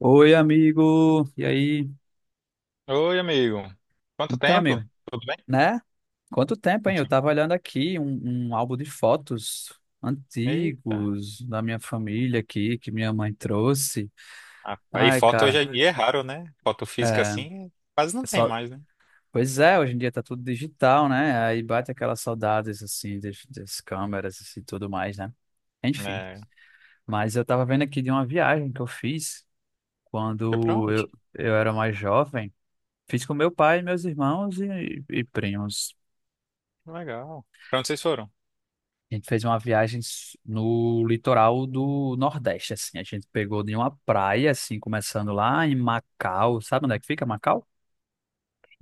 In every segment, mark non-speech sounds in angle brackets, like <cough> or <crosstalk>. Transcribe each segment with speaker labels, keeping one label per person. Speaker 1: Oi, amigo. E aí?
Speaker 2: Oi, amigo. Quanto
Speaker 1: Então, amigo,
Speaker 2: tempo? Tudo bem?
Speaker 1: né? Quanto tempo, hein? Eu tava olhando aqui um álbum de fotos
Speaker 2: Eita,
Speaker 1: antigos da minha família aqui, que minha mãe trouxe.
Speaker 2: rapaz, e
Speaker 1: Ai,
Speaker 2: foto hoje
Speaker 1: cara,
Speaker 2: em dia é raro, né? Foto física
Speaker 1: é,
Speaker 2: assim quase não
Speaker 1: é
Speaker 2: tem
Speaker 1: só...
Speaker 2: mais, né?
Speaker 1: Pois é, hoje em dia tá tudo digital, né? Aí bate aquelas saudades, assim, das câmeras e assim, tudo mais, né? Enfim.
Speaker 2: É.
Speaker 1: Mas eu tava vendo aqui de uma viagem que eu fiz
Speaker 2: Foi pra
Speaker 1: quando
Speaker 2: onde?
Speaker 1: eu, eu era mais jovem. Fiz com meu pai, meus irmãos e primos.
Speaker 2: Legal. Pra onde vocês foram?
Speaker 1: A gente fez uma no litoral do Nordeste, assim. A gente pegou de uma praia, assim, começando lá em Macau. Sabe onde é que fica Macau?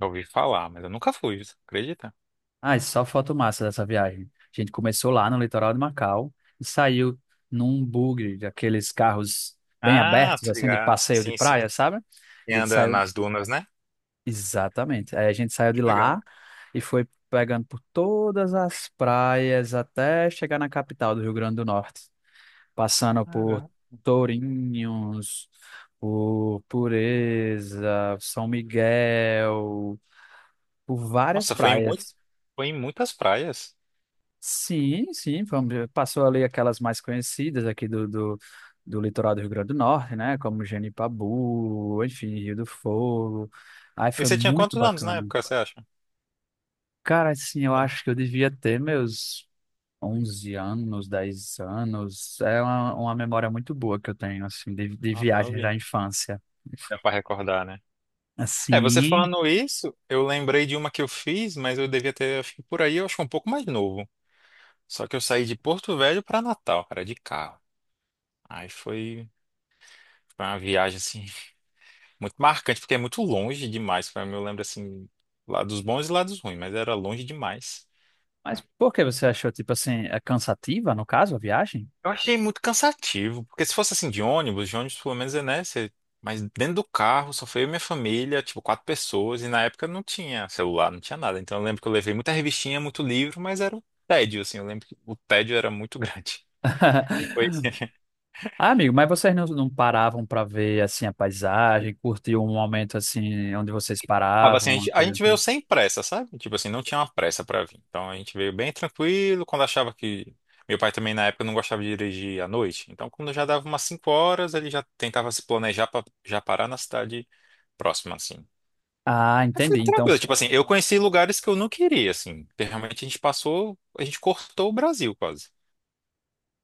Speaker 2: Já ouvi falar, mas eu nunca fui, você acredita?
Speaker 1: Ah, e só foto massa dessa viagem. A gente começou lá no litoral de Macau e saiu num bugre daqueles carros bem
Speaker 2: Ah,
Speaker 1: abertos,
Speaker 2: tô
Speaker 1: assim, de
Speaker 2: ligado.
Speaker 1: passeio de
Speaker 2: Sim,
Speaker 1: praia,
Speaker 2: sim.
Speaker 1: sabe? A
Speaker 2: E
Speaker 1: gente
Speaker 2: anda
Speaker 1: saiu,
Speaker 2: nas dunas, né?
Speaker 1: exatamente. Aí a gente saiu
Speaker 2: Que
Speaker 1: de
Speaker 2: legal.
Speaker 1: lá e foi pegando por todas as praias até chegar na capital do Rio Grande do Norte, passando por
Speaker 2: Caramba.
Speaker 1: Tourinhos, por Pureza, São Miguel, por várias
Speaker 2: Nossa,
Speaker 1: praias.
Speaker 2: foi em muitas praias.
Speaker 1: Sim, sim, vamos, passou ali aquelas mais conhecidas aqui do litoral do Rio Grande do Norte, né? Como Genipabu, enfim, Rio do Fogo. Aí
Speaker 2: E
Speaker 1: foi
Speaker 2: você tinha
Speaker 1: muito
Speaker 2: quantos anos na
Speaker 1: bacana.
Speaker 2: época, você acha?
Speaker 1: Cara, assim, eu acho que eu devia ter meus 11 anos, 10 anos. É uma memória muito boa que eu tenho, assim, de
Speaker 2: Nossa,
Speaker 1: viagens da
Speaker 2: novinho.
Speaker 1: infância.
Speaker 2: Dá pra recordar, né? É, você
Speaker 1: Assim.
Speaker 2: falando isso, eu lembrei de uma que eu fiz, mas eu devia ter, acho que por aí, eu acho que um pouco mais novo. Só que eu saí de Porto Velho pra Natal, cara, de carro. Aí foi uma viagem, assim, muito marcante, porque é muito longe demais. Pra mim, eu lembro, assim, lados bons e lados ruins, mas era longe demais.
Speaker 1: Mas por que você achou, tipo assim, é cansativa, no caso, a viagem?
Speaker 2: Eu achei muito cansativo, porque se fosse assim de ônibus pelo menos é, né? Você... Mas dentro do carro só foi eu e minha família, tipo quatro pessoas, e na época não tinha celular, não tinha nada. Então eu lembro que eu levei muita revistinha, muito livro, mas era um tédio, assim. Eu lembro que o tédio era muito <laughs> grande. E foi.
Speaker 1: <laughs>
Speaker 2: <laughs>
Speaker 1: Ah, amigo, mas vocês não paravam para ver, assim, a paisagem, curtir um momento, assim, onde vocês
Speaker 2: Tava
Speaker 1: paravam,
Speaker 2: assim, a
Speaker 1: uma
Speaker 2: gente, a
Speaker 1: coisa
Speaker 2: gente veio
Speaker 1: assim?
Speaker 2: sem pressa, sabe? Tipo assim, não tinha uma pressa pra vir. Então a gente veio bem tranquilo, quando achava que. Meu pai também na época não gostava de dirigir à noite. Então quando já dava umas 5 horas, ele já tentava se planejar pra já parar na cidade próxima, assim.
Speaker 1: Ah,
Speaker 2: Aí foi
Speaker 1: entendi. Então,
Speaker 2: tranquilo, tipo assim, eu conheci lugares que eu não queria, assim, porque realmente a gente cortou o Brasil quase.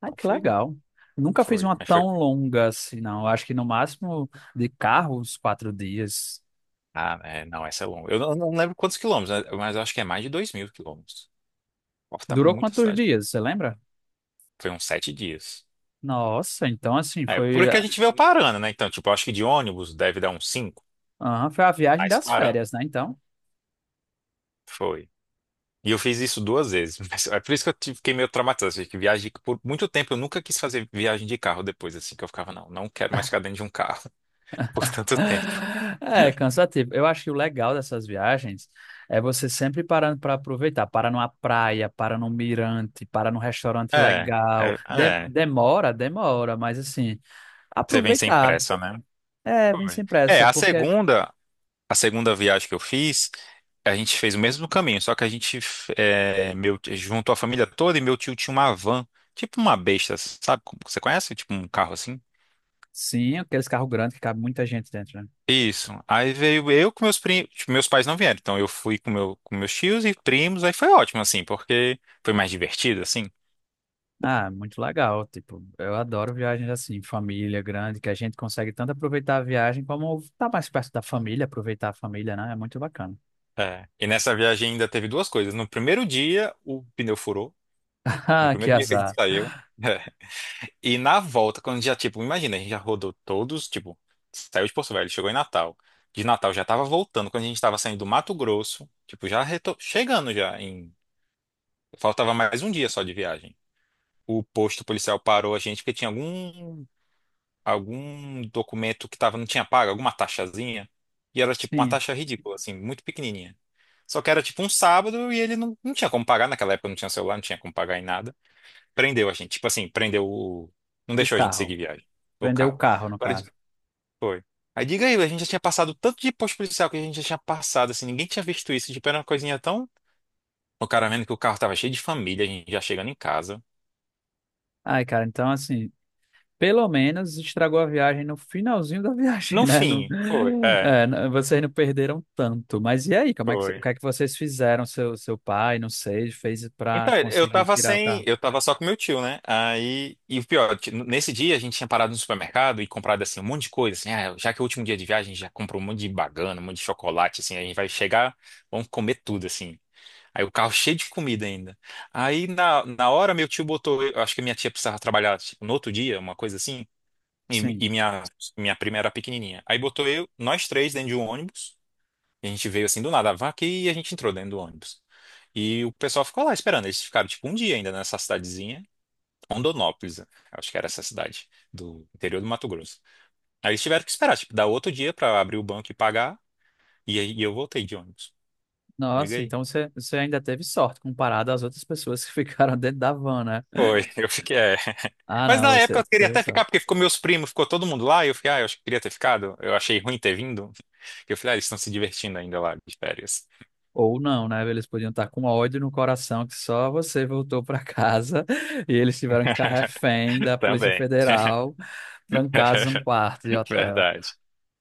Speaker 1: ah,
Speaker 2: Então
Speaker 1: que
Speaker 2: foi,
Speaker 1: legal. Nunca fiz
Speaker 2: foi,
Speaker 1: uma
Speaker 2: mas foi.
Speaker 1: tão longa assim, não. Eu acho que no máximo de carro, uns 4 dias.
Speaker 2: Ah, é, não, essa é longa. Eu não lembro quantos quilômetros, né, mas eu acho que é mais de 2.000 quilômetros. Corta
Speaker 1: Durou
Speaker 2: muita
Speaker 1: quantos
Speaker 2: cidade.
Speaker 1: dias, você lembra?
Speaker 2: Foi uns 7 dias.
Speaker 1: Nossa, então assim,
Speaker 2: É,
Speaker 1: foi,
Speaker 2: porque a
Speaker 1: ah,
Speaker 2: gente veio parando, né? Então, tipo, eu acho que de ônibus deve dar uns cinco.
Speaker 1: aham, foi a viagem
Speaker 2: Mas
Speaker 1: das
Speaker 2: parando,
Speaker 1: férias, né? Então.
Speaker 2: foi. E eu fiz isso duas vezes. <laughs> Mas é por isso que fiquei meio traumatizado, assim. Que viagem, por muito tempo eu nunca quis fazer viagem de carro depois, assim, que eu ficava, não quero mais ficar dentro de um carro <laughs> por tanto tempo.
Speaker 1: É cansativo. Eu acho que o legal dessas viagens é você sempre parando para aproveitar. Para numa praia, para num mirante, para num restaurante
Speaker 2: É,
Speaker 1: legal.
Speaker 2: é, é.
Speaker 1: Demora, demora, mas assim,
Speaker 2: Você vem sem
Speaker 1: aproveitar.
Speaker 2: pressa, né?
Speaker 1: É, vem sem
Speaker 2: Foi. É,
Speaker 1: pressa,
Speaker 2: a
Speaker 1: porque
Speaker 2: segunda, a segunda viagem que eu fiz, a gente fez o mesmo caminho, só que a gente é, meu, juntou a família toda e meu tio tinha uma van, tipo uma besta, sabe? Você conhece? Tipo um carro assim?
Speaker 1: sim, aqueles carros grandes que cabe muita gente dentro, né?
Speaker 2: Isso. Aí veio eu com meus primos, meus pais não vieram, então eu fui com meus tios e primos, aí foi ótimo, assim, porque foi mais divertido, assim.
Speaker 1: Ah, muito legal. Tipo, eu adoro viagens assim, família grande, que a gente consegue tanto aproveitar a viagem como estar mais perto da família, aproveitar a família, né? É muito bacana.
Speaker 2: É. E nessa viagem ainda teve duas coisas. No primeiro dia, o pneu furou.
Speaker 1: <laughs>
Speaker 2: No
Speaker 1: Ah, que
Speaker 2: primeiro dia que a gente
Speaker 1: azar.
Speaker 2: saiu. <laughs> E na volta, quando já, tipo, imagina, a gente já rodou todos, tipo, saiu de Porto Velho, chegou em Natal. De Natal já tava voltando, quando a gente tava saindo do Mato Grosso, tipo, chegando já em... Faltava mais um dia só de viagem. O posto policial parou a gente porque tinha algum documento que tava, não tinha pago, alguma taxazinha. E era, tipo, uma
Speaker 1: Sim,
Speaker 2: taxa ridícula, assim, muito pequenininha. Só que era, tipo, um sábado e ele não tinha como pagar naquela época, não tinha celular, não tinha como pagar em nada. Prendeu a gente. Tipo assim, prendeu o. Não
Speaker 1: o
Speaker 2: deixou a gente seguir
Speaker 1: carro.
Speaker 2: viagem. O
Speaker 1: Prendeu o
Speaker 2: carro.
Speaker 1: carro, no
Speaker 2: Agora,
Speaker 1: caso.
Speaker 2: foi. Aí diga aí, a gente já tinha passado tanto de posto policial que a gente já tinha passado, assim, ninguém tinha visto isso. Tipo, era uma coisinha tão. O cara vendo que o carro tava cheio de família, a gente já chegando em casa.
Speaker 1: Ai, cara, então assim, pelo menos estragou a viagem no finalzinho <laughs> da viagem,
Speaker 2: No
Speaker 1: né? Não,
Speaker 2: fim, foi. É,
Speaker 1: é, vocês não perderam tanto. Mas e aí, como é que, o
Speaker 2: foi.
Speaker 1: que é que vocês fizeram? Seu pai, não sei, fez para
Speaker 2: Então, eu
Speaker 1: conseguir
Speaker 2: tava
Speaker 1: tirar o
Speaker 2: sem.
Speaker 1: carro?
Speaker 2: Eu tava só com meu tio, né? Aí. E o pior, nesse dia a gente tinha parado no supermercado e comprado, assim, um monte de coisa, assim. Ah, já que é o último dia de viagem, a gente já comprou um monte de bagana, um monte de chocolate, assim. A gente vai chegar, vamos comer tudo, assim. Aí o carro cheio de comida ainda. Aí na hora meu tio botou, eu acho que minha tia precisava trabalhar tipo, no outro dia, uma coisa assim, e,
Speaker 1: Sim.
Speaker 2: e minha prima era pequenininha. Aí botou eu, nós três dentro de um ônibus, e a gente veio assim do nada, a vaca, e a gente entrou dentro do ônibus. E o pessoal ficou lá esperando, eles ficaram tipo um dia ainda nessa cidadezinha, Rondonópolis, acho que era essa cidade do interior do Mato Grosso. Aí eles tiveram que esperar, tipo, dar outro dia pra abrir o banco e pagar, e aí e eu voltei de ônibus. Diga
Speaker 1: Nossa,
Speaker 2: aí.
Speaker 1: então você, você ainda teve sorte comparado às outras pessoas que <laughs> ficaram dentro da van, né?
Speaker 2: Foi, <laughs> eu fiquei, é.
Speaker 1: Ah,
Speaker 2: Mas
Speaker 1: não,
Speaker 2: na época eu
Speaker 1: você,
Speaker 2: queria
Speaker 1: você é
Speaker 2: até
Speaker 1: só.
Speaker 2: ficar, porque ficou meus primos, ficou todo mundo lá, e eu fiquei, ah, eu acho que queria ter ficado. Eu achei ruim ter vindo. Eu falei, ah, eles estão se divertindo ainda lá de férias.
Speaker 1: Ou não, né? Eles podiam estar com ódio no coração que só você voltou para casa <laughs> e eles tiveram que ficar refém da
Speaker 2: <laughs>
Speaker 1: Polícia
Speaker 2: Também.
Speaker 1: Federal,
Speaker 2: <laughs>
Speaker 1: trancados num quarto de hotel.
Speaker 2: Verdade.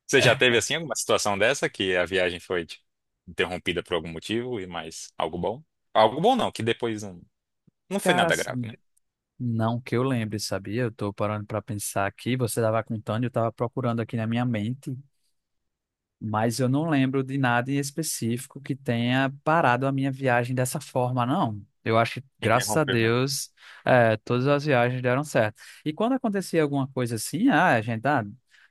Speaker 2: Você já teve assim alguma situação dessa que a viagem foi tipo, interrompida por algum motivo e mais algo bom? Algo bom não, que depois não foi
Speaker 1: Cara,
Speaker 2: nada grave,
Speaker 1: assim,
Speaker 2: né?
Speaker 1: não que eu lembre, sabia? Eu tô parando para pensar aqui, você estava contando e eu estava procurando aqui na minha mente. Mas eu não lembro de nada em específico que tenha parado a minha viagem dessa forma, não. Eu acho que, graças a
Speaker 2: Interrompeu, né?
Speaker 1: Deus, todas as viagens deram certo. E quando acontecia alguma coisa assim, ah, a gente, ah,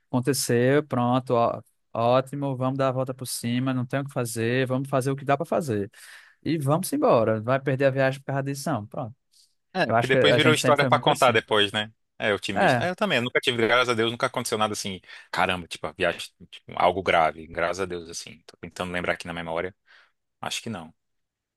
Speaker 1: aconteceu, pronto, ó, ótimo, vamos dar a volta por cima, não tem o que fazer, vamos fazer o que dá para fazer. E vamos embora, vai perder a viagem por causa disso, não. Pronto.
Speaker 2: É,
Speaker 1: Eu
Speaker 2: que
Speaker 1: acho que
Speaker 2: depois
Speaker 1: a
Speaker 2: virou
Speaker 1: gente sempre
Speaker 2: história
Speaker 1: foi
Speaker 2: pra
Speaker 1: muito
Speaker 2: contar
Speaker 1: assim.
Speaker 2: depois, né? É, otimista.
Speaker 1: É,
Speaker 2: É, eu também, eu nunca tive, graças a Deus, nunca aconteceu nada assim, caramba, tipo, a viagem, tipo, algo grave, graças a Deus, assim. Tô tentando lembrar aqui na memória, acho que não.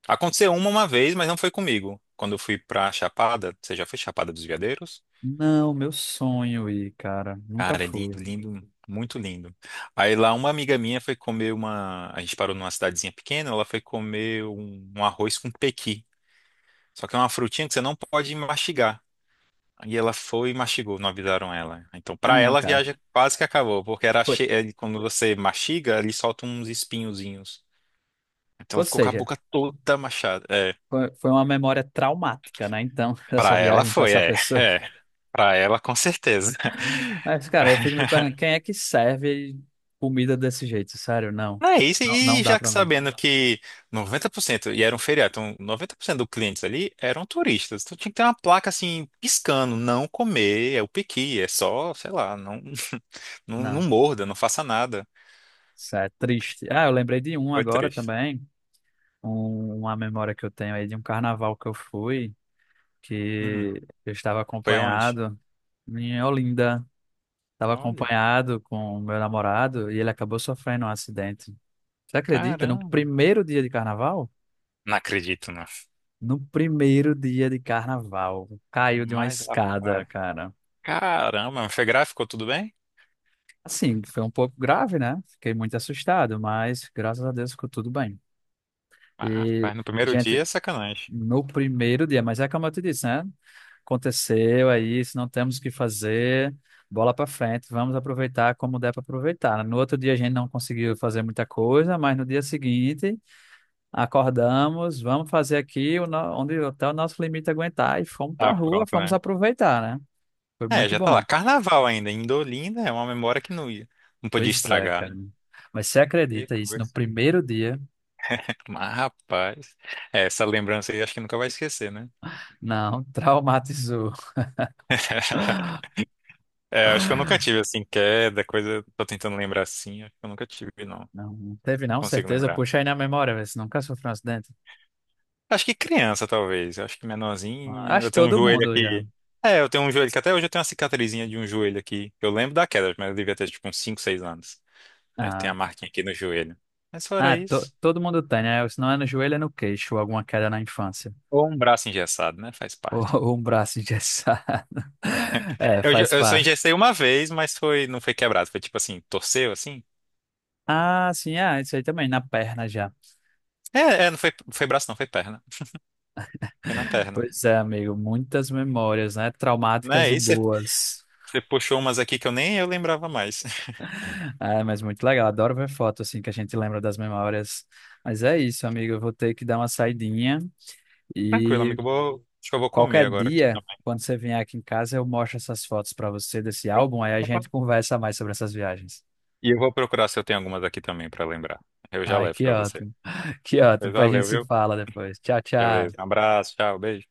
Speaker 2: Aconteceu uma vez, mas não foi comigo. Quando eu fui pra Chapada, você já foi Chapada dos Veadeiros?
Speaker 1: não, meu sonho ir, cara, nunca
Speaker 2: Cara, é lindo,
Speaker 1: fui.
Speaker 2: lindo, muito lindo. Aí lá uma amiga minha a gente parou numa cidadezinha pequena, ela foi comer um arroz com pequi. Só que é uma frutinha que você não pode mastigar. E ela foi e mastigou, não avisaram ela. Então,
Speaker 1: Ai,
Speaker 2: pra
Speaker 1: não,
Speaker 2: ela, a
Speaker 1: cara.
Speaker 2: viagem quase que acabou, porque era
Speaker 1: Foi-
Speaker 2: é, quando você mastiga, ele solta uns espinhozinhos. Então, ela
Speaker 1: Ou
Speaker 2: ficou com a
Speaker 1: seja,
Speaker 2: boca toda machada. É,
Speaker 1: foi foi uma memória traumática, né? Então, <laughs> dessa
Speaker 2: para ela
Speaker 1: viagem com
Speaker 2: foi,
Speaker 1: essa
Speaker 2: é, <laughs>
Speaker 1: pessoa.
Speaker 2: é. Para ela, com certeza.
Speaker 1: Mas, cara, eu fico
Speaker 2: <laughs>
Speaker 1: me perguntando, quem é que serve comida desse jeito? Sério, não.
Speaker 2: Não é isso,
Speaker 1: Não, não
Speaker 2: e
Speaker 1: dá
Speaker 2: já que
Speaker 1: pra mim.
Speaker 2: sabendo que 90%, e era um feriado, então 90% dos clientes ali eram turistas. Então tinha que ter uma placa assim, piscando, não comer, é o piqui, é só, sei lá, não, <laughs> não, não
Speaker 1: Não.
Speaker 2: morda, não faça nada.
Speaker 1: Isso é triste. Ah, eu lembrei de um
Speaker 2: Foi
Speaker 1: agora
Speaker 2: triste.
Speaker 1: também. Uma memória que eu tenho aí de um carnaval que eu fui,
Speaker 2: Hum,
Speaker 1: que eu estava
Speaker 2: foi onde?
Speaker 1: acompanhado em Olinda. Estava
Speaker 2: Olha,
Speaker 1: acompanhado com o meu namorado e ele acabou sofrendo um acidente. Você acredita? No
Speaker 2: caramba.
Speaker 1: primeiro dia de carnaval?
Speaker 2: Não acredito, não.
Speaker 1: No primeiro dia de carnaval, caiu de uma
Speaker 2: Mas,
Speaker 1: escada,
Speaker 2: rapaz.
Speaker 1: cara.
Speaker 2: Caramba, mas foi gráfico, tudo bem?
Speaker 1: Assim, foi um pouco grave, né? Fiquei muito assustado, mas graças a Deus ficou tudo bem.
Speaker 2: Ah,
Speaker 1: E,
Speaker 2: rapaz, no primeiro
Speaker 1: gente,
Speaker 2: dia é sacanagem.
Speaker 1: no primeiro dia, mas é como eu te disse, né? Aconteceu, é isso, não temos o que fazer, bola pra frente, vamos aproveitar como der pra aproveitar, né? No outro dia a gente não conseguiu fazer muita coisa, mas no dia seguinte acordamos, vamos fazer aqui o onde até o nosso limite aguentar e fomos pra
Speaker 2: Ah,
Speaker 1: rua,
Speaker 2: pronto,
Speaker 1: fomos
Speaker 2: né?
Speaker 1: aproveitar, né? Foi
Speaker 2: É,
Speaker 1: muito
Speaker 2: já tá lá.
Speaker 1: bom.
Speaker 2: Carnaval ainda, em Indolinda é uma memória que não ia. Não podia
Speaker 1: Pois é,
Speaker 2: estragar,
Speaker 1: cara.
Speaker 2: né?
Speaker 1: Mas você
Speaker 2: Que
Speaker 1: acredita isso? No
Speaker 2: coisa.
Speaker 1: primeiro dia,
Speaker 2: Mas, rapaz, é, essa lembrança aí acho que nunca vai esquecer, né?
Speaker 1: não, <laughs> traumatizou.
Speaker 2: <laughs> É, acho que eu nunca tive, assim, queda, coisa. Tô tentando lembrar assim, acho que eu nunca tive, não.
Speaker 1: Não, não teve não,
Speaker 2: Consigo
Speaker 1: certeza.
Speaker 2: lembrar.
Speaker 1: Puxa aí na memória, vê se nunca sofreu um acidente.
Speaker 2: Acho que criança, talvez. Acho que
Speaker 1: Ah,
Speaker 2: menorzinho.
Speaker 1: acho
Speaker 2: Eu
Speaker 1: que
Speaker 2: tenho um
Speaker 1: todo
Speaker 2: joelho
Speaker 1: mundo já.
Speaker 2: aqui. É, eu tenho um joelho que até hoje eu tenho uma cicatrizinha de um joelho aqui. Eu lembro da queda, mas eu devia ter tipo uns 5, 6 anos. Aí tem
Speaker 1: Ah,
Speaker 2: a marquinha aqui no joelho. Mas fora isso.
Speaker 1: todo mundo tem, né? Se não é no joelho, é no queixo, ou alguma queda na infância. <laughs>
Speaker 2: Ou um braço engessado, né? Faz
Speaker 1: Ou,
Speaker 2: parte.
Speaker 1: ou um braço engessado. <laughs> É,
Speaker 2: Eu, já-
Speaker 1: faz
Speaker 2: eu só
Speaker 1: parte.
Speaker 2: engessei uma vez, mas não foi quebrado. Foi tipo assim, torceu assim.
Speaker 1: Ah, sim, ah, isso aí também, na perna já.
Speaker 2: É, é, não foi, foi braço, não, foi perna. Foi na perna.
Speaker 1: Pois é, amigo, muitas memórias, né? Traumáticas
Speaker 2: Né?
Speaker 1: e
Speaker 2: E você
Speaker 1: boas.
Speaker 2: você puxou umas aqui que eu nem eu lembrava mais. <laughs>
Speaker 1: É, mas muito legal. Adoro ver foto, assim, que a gente lembra das memórias. Mas é isso, amigo. Eu vou ter que dar uma saidinha
Speaker 2: Tranquilo,
Speaker 1: e
Speaker 2: amigo. Acho que eu vou comer
Speaker 1: qualquer
Speaker 2: agora aqui
Speaker 1: dia,
Speaker 2: também.
Speaker 1: quando você vier aqui em casa, eu mostro essas fotos pra você desse álbum, aí a gente conversa mais sobre essas viagens.
Speaker 2: E eu vou procurar se eu tenho algumas aqui também pra lembrar. Eu já
Speaker 1: Ai,
Speaker 2: levo
Speaker 1: que
Speaker 2: pra você.
Speaker 1: ótimo. <laughs> Que ótimo.
Speaker 2: Pois
Speaker 1: Depois a gente
Speaker 2: valeu,
Speaker 1: se
Speaker 2: viu?
Speaker 1: fala depois. Tchau,
Speaker 2: Beleza. Um
Speaker 1: tchau.
Speaker 2: abraço, tchau, beijo.